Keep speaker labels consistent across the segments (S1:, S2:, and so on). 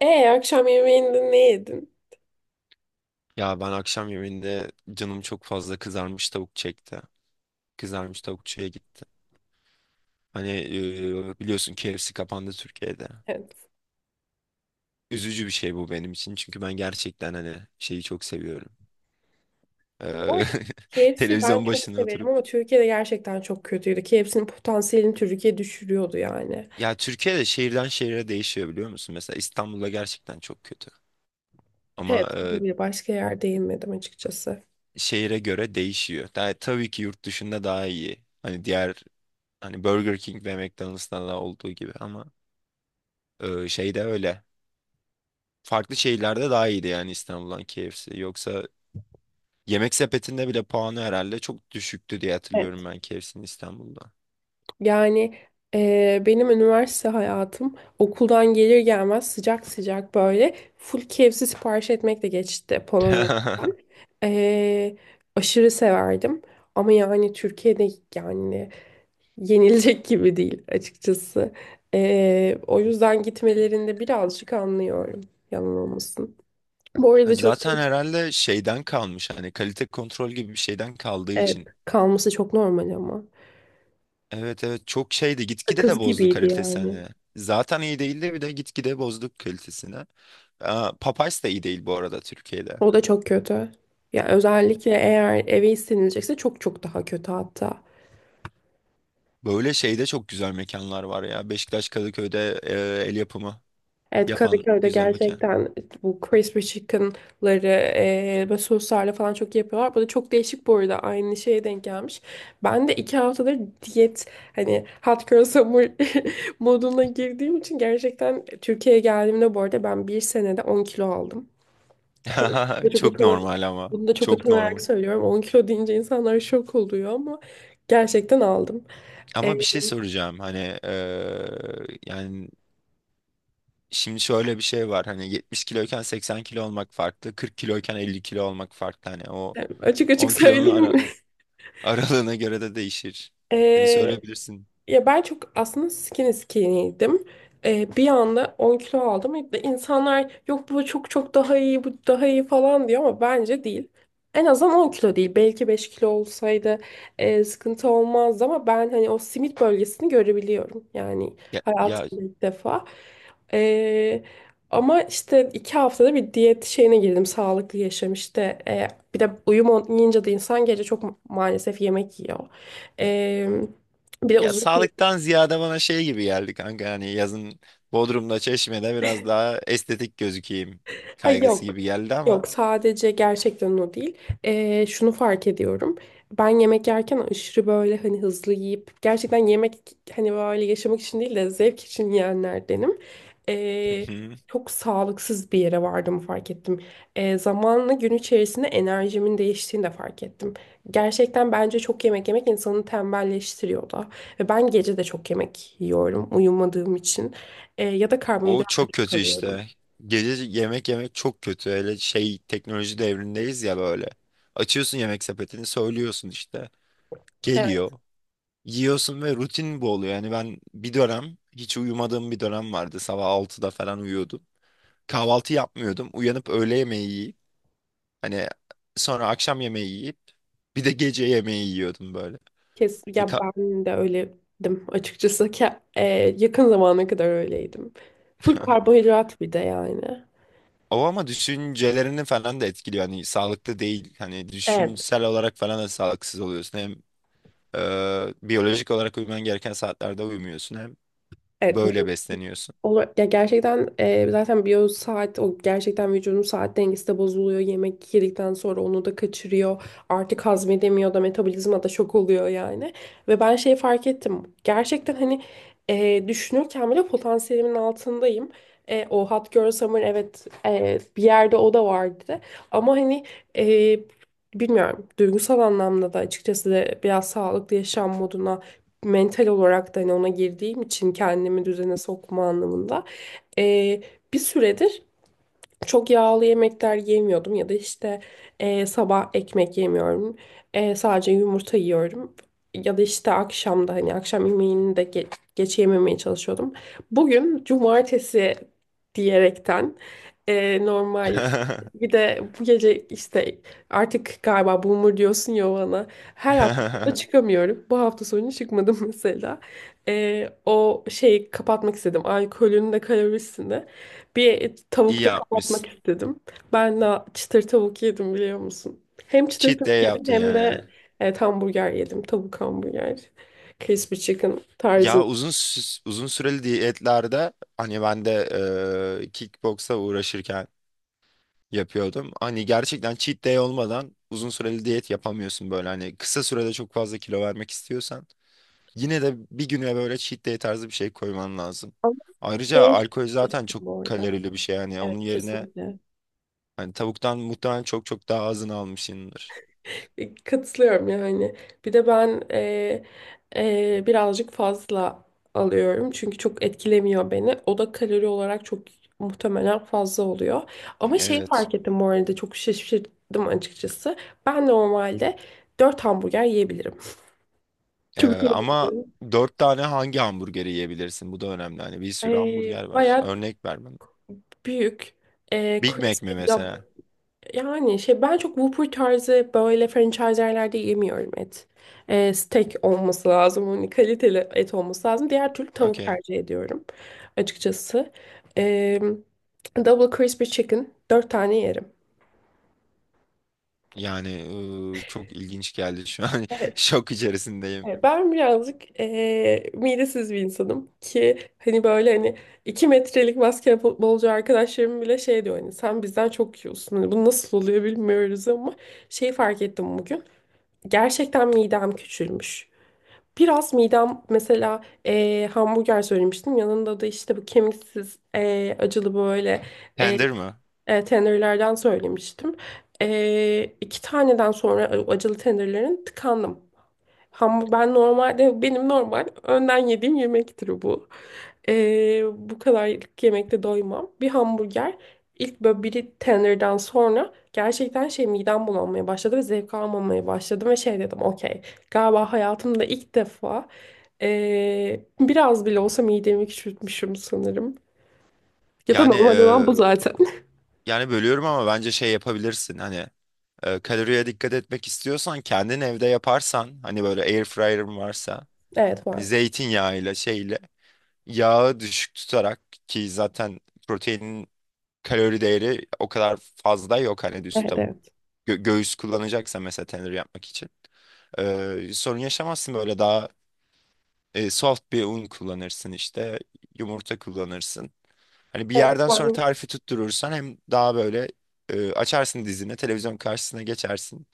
S1: E akşam yemeğinde ne yedin?
S2: Ya ben akşam yemeğinde canım çok fazla kızarmış tavuk çekti. Kızarmış tavukçuya gitti. Hani biliyorsun KFC kapandı Türkiye'de.
S1: Evet.
S2: Üzücü bir şey bu benim için çünkü ben gerçekten hani şeyi çok seviyorum.
S1: Bu
S2: Eee,
S1: arada KFC ben
S2: televizyon
S1: çok
S2: başına
S1: severim
S2: oturup.
S1: ama Türkiye'de gerçekten çok kötüydü. KFC'nin potansiyelini Türkiye düşürüyordu yani.
S2: Ya Türkiye'de şehirden şehire değişiyor biliyor musun? Mesela İstanbul'da gerçekten çok kötü.
S1: Evet.
S2: Ama
S1: Bir başka yerde yemedim açıkçası.
S2: şehire göre değişiyor. Daha, tabii ki yurt dışında daha iyi. Hani diğer hani Burger King ve McDonald's'ta da olduğu gibi ama şeyde öyle. Farklı şehirlerde daha iyiydi yani İstanbul'dan KFC. Yoksa yemek sepetinde bile puanı herhalde çok düşüktü diye
S1: Evet.
S2: hatırlıyorum ben KFC'nin İstanbul'da.
S1: Yani benim üniversite hayatım okuldan gelir gelmez sıcak sıcak böyle full KFC sipariş etmekle geçti Polonya'dan. E, aşırı severdim. Ama yani Türkiye'de yani yenilecek gibi değil açıkçası. O yüzden gitmelerinde birazcık anlıyorum. Yalan olmasın. Bu arada çok
S2: Zaten herhalde şeyden kalmış hani kalite kontrol gibi bir şeyden kaldığı
S1: evet,
S2: için.
S1: kalması çok normal ama.
S2: Evet evet çok şeydi, gitgide de
S1: Sakız
S2: bozdu
S1: gibiydi
S2: kalitesini.
S1: yani.
S2: Hani. Zaten iyi değildi, bir de gitgide bozduk kalitesini. Aa, Popeyes de iyi değil bu arada Türkiye'de.
S1: O da çok kötü. Ya özellikle eğer eve istenilecekse çok çok daha kötü hatta.
S2: Böyle şeyde çok güzel mekanlar var ya. Beşiktaş Kadıköy'de el yapımı
S1: Evet,
S2: yapan
S1: Kadıköy'de
S2: güzel mekan.
S1: gerçekten bu crispy chicken'ları böyle soslarla falan çok iyi yapıyorlar. Bu da çok değişik bu arada aynı şeye denk gelmiş. Ben de 2 haftadır diyet, hani hot girl summer, moduna girdiğim için gerçekten Türkiye'ye geldiğimde bu arada ben 1 senede 10 kilo aldım. Bu çok
S2: Çok
S1: utana-
S2: normal ama.
S1: Bunu da çok
S2: Çok
S1: utanarak
S2: normal.
S1: söylüyorum. 10 kilo deyince insanlar şok oluyor ama gerçekten aldım.
S2: Ama bir şey
S1: Eee,
S2: soracağım. Hani yani şimdi şöyle bir şey var. Hani 70 kiloyken 80 kilo olmak farklı. 40 kiloyken 50 kilo olmak farklı. Hani o
S1: Açık açık
S2: 10 kilonun
S1: söyleyeyim.
S2: ara, aralığına göre de değişir.
S1: E,
S2: Hani söyleyebilirsin.
S1: Ya ben çok aslında skinny skinny'ydim. Bir anda 10 kilo aldım. İşte İnsanlar "yok, bu çok çok daha iyi, bu daha iyi" falan diyor ama bence değil. En azından 10 kilo değil. Belki 5 kilo olsaydı sıkıntı olmazdı ama ben hani o simit bölgesini görebiliyorum. Yani
S2: Ya, ya,
S1: hayatımda ilk defa. Ee, Ama işte 2 haftada bir diyet şeyine girdim. Sağlıklı yaşam işte. Bir de uyum olmayınca da insan gece çok maalesef yemek yiyor. Ee, Bir de
S2: ya
S1: uzun,
S2: sağlıktan ziyade bana şey gibi geldi kanka. Hani yazın Bodrum'da, Çeşme'de biraz daha estetik gözükeyim
S1: ha
S2: kaygısı
S1: yok.
S2: gibi geldi ama.
S1: Yok, sadece gerçekten o değil. Şunu fark ediyorum. Ben yemek yerken aşırı böyle hani hızlı yiyip gerçekten yemek, hani böyle yaşamak için değil de zevk için yiyenlerdenim. Ee, Çok sağlıksız bir yere vardığımı fark ettim. Zamanla gün içerisinde enerjimin değiştiğini de fark ettim. Gerçekten bence çok yemek yemek insanı tembelleştiriyor da. Ve ben gece de çok yemek yiyorum uyumadığım için. Ya da
S2: O
S1: karbonhidrat da
S2: çok
S1: çok
S2: kötü
S1: alıyorum.
S2: işte. Gece yemek yemek çok kötü. Hele şey, teknoloji devrindeyiz ya böyle. Açıyorsun yemek sepetini, söylüyorsun işte. Geliyor. Yiyorsun ve rutin bu oluyor. Yani ben bir dönem hiç uyumadığım bir dönem vardı. Sabah altıda falan uyuyordum. Kahvaltı yapmıyordum. Uyanıp öğle yemeği yiyip hani sonra akşam yemeği yiyip bir de gece yemeği yiyordum böyle.
S1: Kes,
S2: E,
S1: ya
S2: ka-
S1: ben de öyledim açıkçası ki e, yakın zamana kadar öyleydim. Full karbonhidrat bir de yani.
S2: O ama düşüncelerini falan da etkiliyor. Hani sağlıklı değil. Hani
S1: Evet,
S2: düşünsel olarak falan da sağlıksız oluyorsun. Hem biyolojik olarak uyuman gereken saatlerde uyumuyorsun, hem
S1: evet
S2: böyle besleniyorsun.
S1: Olur. Ya gerçekten zaten biyo saat, o gerçekten vücudun saat dengesi de bozuluyor. Yemek yedikten sonra onu da kaçırıyor. Artık hazmedemiyor da, metabolizma da şok oluyor yani. Ve ben şeyi fark ettim. Gerçekten hani düşünürken bile potansiyelimin altındayım. E, o Hot Girl Summer, evet, bir yerde o da vardı. Ama hani e, bilmiyorum, duygusal anlamda da açıkçası de biraz sağlıklı yaşam moduna, mental olarak da hani ona girdiğim için kendimi düzene sokma anlamında, e, bir süredir çok yağlı yemekler yemiyordum ya da işte sabah ekmek yemiyorum. E, sadece yumurta yiyorum. Ya da işte akşamda hani akşam yemeğini de geç yememeye çalışıyordum. Bugün cumartesi diyerekten normal, bir de bu gece işte, artık galiba boomer diyorsun ya bana. Her hafta da çıkamıyorum. Bu hafta sonu çıkmadım mesela. O şeyi kapatmak istedim. Alkolün de kalorisini. Bir
S2: İyi
S1: tavukta kapatmak
S2: yapmışsın.
S1: istedim. Ben de çıtır tavuk yedim biliyor musun? Hem çıtır
S2: Cheat
S1: tavuk
S2: day
S1: yedim
S2: yaptın
S1: hem
S2: yani.
S1: de evet, hamburger yedim. Tavuk hamburger. Crispy chicken
S2: Ya
S1: tarzında.
S2: uzun süreli diyetlerde hani ben de kickboksa uğraşırken yapıyordum. Hani gerçekten cheat day olmadan uzun süreli diyet yapamıyorsun, böyle hani kısa sürede çok fazla kilo vermek istiyorsan yine de bir güne böyle cheat day tarzı bir şey koyman lazım.
S1: Ama
S2: Ayrıca
S1: değişik
S2: alkol zaten çok
S1: bu arada.
S2: kalorili bir şey yani
S1: Evet,
S2: onun yerine
S1: kesinlikle.
S2: hani tavuktan muhtemelen çok çok daha azını almışsındır.
S1: Katılıyorum yani. Bir de ben birazcık fazla alıyorum. Çünkü çok etkilemiyor beni. O da kalori olarak çok muhtemelen fazla oluyor. Ama şeyi
S2: Evet.
S1: fark ettim bu arada, çok şaşırdım açıkçası. Ben normalde 4 hamburger yiyebilirim. Çok
S2: Ama
S1: utanıyorum.
S2: dört tane hangi hamburgeri yiyebilirsin? Bu da önemli. Hani bir
S1: E,
S2: sürü hamburger var.
S1: Bayağı
S2: Örnek ver bana.
S1: büyük. E,
S2: Big Mac mi mesela?
S1: Yani şey, ben çok Whopper tarzı böyle franchise yerlerde yemiyorum et. Steak olması lazım. Hani kaliteli et olması lazım. Diğer türlü tavuk
S2: Okey.
S1: tercih ediyorum açıkçası. Ee, Double Crispy Chicken 4 tane yerim.
S2: Yani çok ilginç geldi şu an.
S1: Evet.
S2: Şok içerisindeyim.
S1: Evet, ben birazcık midesiz bir insanım ki hani böyle hani 2 metrelik basketbolcu arkadaşlarım bile şey diyor, hani sen bizden çok yiyorsun. Hani bu nasıl oluyor bilmiyoruz, ama şeyi fark ettim bugün. Gerçekten midem küçülmüş. Biraz midem, mesela hamburger söylemiştim. Yanında da işte bu kemiksiz, acılı böyle eee
S2: Tender mi?
S1: tenderlerden söylemiştim. 2 taneden sonra acılı tenderlerin tıkandım. Ham ben normalde, benim normal önden yediğim yemektir bu. Bu kadarlık yemekte doymam. Bir hamburger, ilk böyle biri tenderden sonra gerçekten şey, midem bulanmaya başladı ve zevk almamaya başladım ve şey dedim, okey, galiba hayatımda ilk defa biraz bile olsa midemi küçültmüşüm sanırım. Ya da
S2: Yani
S1: normal olan
S2: e,
S1: bu zaten.
S2: yani bölüyorum ama bence şey yapabilirsin. Hani kaloriye dikkat etmek istiyorsan kendin evde yaparsan, hani böyle air fryer'ın varsa,
S1: Evet,
S2: hani
S1: var.
S2: zeytinyağıyla şeyle yağı düşük tutarak, ki zaten proteinin kalori değeri o kadar fazla yok, hani düz
S1: Evet,
S2: tavuk.
S1: evet.
S2: Göğüs kullanacaksa mesela tenir yapmak için. Sorun yaşamazsın, böyle daha soft bir un kullanırsın işte, yumurta kullanırsın. Hani bir
S1: Evet.
S2: yerden sonra
S1: Var.
S2: tarifi tutturursan hem daha böyle açarsın dizine, televizyon karşısına geçersin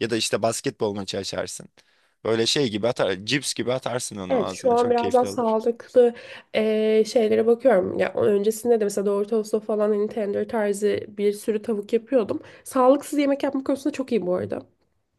S2: ya da işte basketbol maçı açarsın. Böyle şey gibi, atar cips gibi atarsın onu
S1: Evet, şu
S2: ağzına,
S1: an
S2: çok
S1: biraz daha
S2: keyifli olur.
S1: sağlıklı şeylere bakıyorum. Ya öncesinde de mesela doğru tostu falan hani tender tarzı bir sürü tavuk yapıyordum. Sağlıksız yemek yapma konusunda çok iyi bu arada.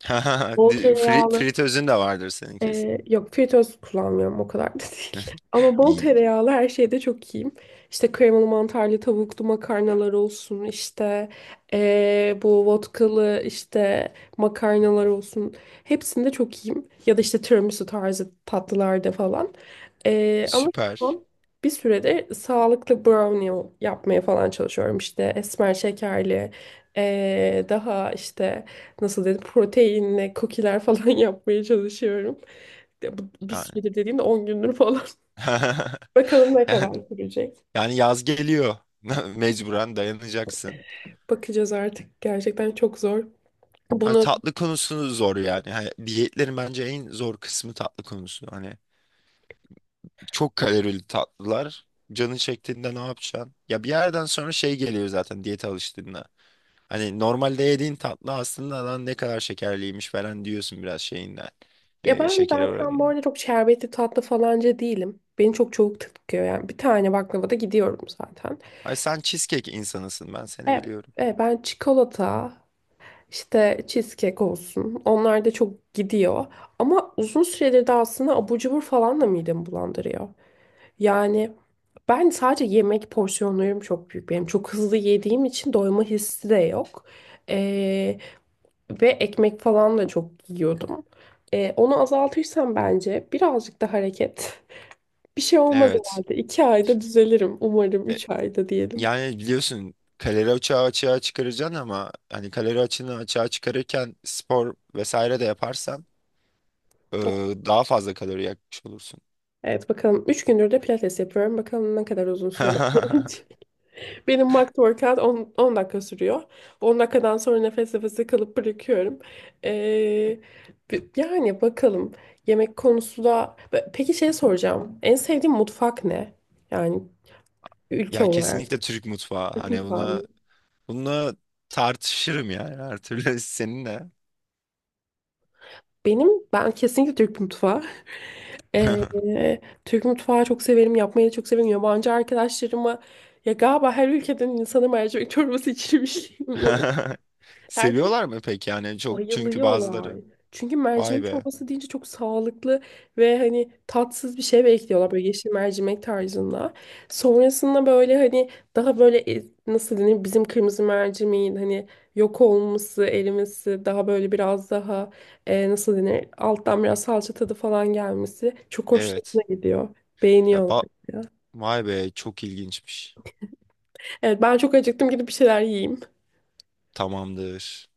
S1: Bol tereyağlı,
S2: Fritözün de vardır senin kesin.
S1: yok, fritöz kullanmıyorum, o kadar da değil. Ama bol
S2: İyi.
S1: tereyağlı her şeyde çok iyiyim. İşte kremalı mantarlı tavuklu makarnalar olsun, işte bu vodkalı işte makarnalar olsun. Hepsinde çok iyiyim. Ya da işte tiramisu tarzı tatlılarda falan. Ama şu
S2: Süper.
S1: an bir süredir sağlıklı brownie yapmaya falan çalışıyorum. İşte esmer şekerli, daha işte, nasıl dedim, proteinli kukiler falan yapmaya çalışıyorum. Ya bu, bir
S2: Yani
S1: süredir dediğimde 10 gündür falan. Bakalım ne kadar
S2: yani
S1: sürecek.
S2: yani yaz geliyor. Mecburen dayanacaksın.
S1: Bakacağız artık. Gerçekten çok zor.
S2: Ay,
S1: Bunu,
S2: tatlı konusunu zor yani. Hani diyetlerin bence en zor kısmı tatlı konusu. Hani çok kalorili tatlılar. Canın çektiğinde ne yapacaksın? Ya bir yerden sonra şey geliyor zaten diyete alıştığında. Hani normalde yediğin tatlı aslında lan ne kadar şekerliymiş falan diyorsun, biraz şeyinden.
S1: ya ben
S2: Şeker
S1: zaten bu
S2: oranından.
S1: arada çok şerbetli tatlı falanca değilim. Beni çok çabuk tıkıyor yani. Bir tane baklavada gidiyorum zaten.
S2: Ay sen cheesecake insanısın, ben seni
S1: Evet,
S2: biliyorum.
S1: evet, ben çikolata, işte cheesecake olsun. Onlar da çok gidiyor. Ama uzun süredir de aslında abur cubur falan da midemi bulandırıyor. Yani ben sadece, yemek porsiyonlarım çok büyük benim. Çok hızlı yediğim için doyma hissi de yok. Ee, Ve ekmek falan da çok yiyordum. Onu azaltırsam, bence birazcık da hareket. Bir şey olmaz
S2: Evet.
S1: herhalde. 2 ayda düzelirim. Umarım
S2: E,
S1: 3 ayda diyelim.
S2: yani biliyorsun kalori açığı açığa çıkaracaksın ama hani kalori açığını açığa çıkarırken spor vesaire de yaparsan e, daha fazla kalori yakmış olursun.
S1: Evet, bakalım. 3 gündür de pilates yapıyorum. Bakalım ne kadar uzun sürede. Benim mock workout 10 dakika sürüyor. 10 dakikadan sonra nefes nefese kalıp bırakıyorum. Ee, yani bakalım, yemek konusu da... Peki, şey soracağım. En sevdiğin mutfak ne? Yani ülke
S2: Ya
S1: olarak.
S2: kesinlikle Türk mutfağı.
S1: Türk
S2: Hani
S1: mutfağı mı?
S2: buna bununla tartışırım yani her türlü seninle.
S1: Benim, ben kesinlikle Türk mutfağı. Ee, Türk mutfağı çok severim, yapmayı da çok severim. Yabancı arkadaşlarıma, ya galiba her ülkeden insanım mercimek çorbası içirmişim.
S2: Seviyorlar mı peki yani çok, çünkü
S1: Bayılıyorlar.
S2: bazıları.
S1: Çünkü
S2: Vay
S1: mercimek
S2: be.
S1: çorbası deyince çok sağlıklı ve hani tatsız bir şey bekliyorlar, böyle yeşil mercimek tarzında. Sonrasında böyle hani daha böyle, nasıl denir, bizim kırmızı mercimeğin hani yok olması, erimesi, daha böyle biraz daha, nasıl denir, alttan biraz salça tadı falan gelmesi çok hoşlarına
S2: Evet.
S1: gidiyor.
S2: Ya
S1: Beğeniyorlar.
S2: ba- vay be, çok ilginçmiş.
S1: Evet, ben çok acıktım, gidip bir şeyler yiyeyim.
S2: Tamamdır.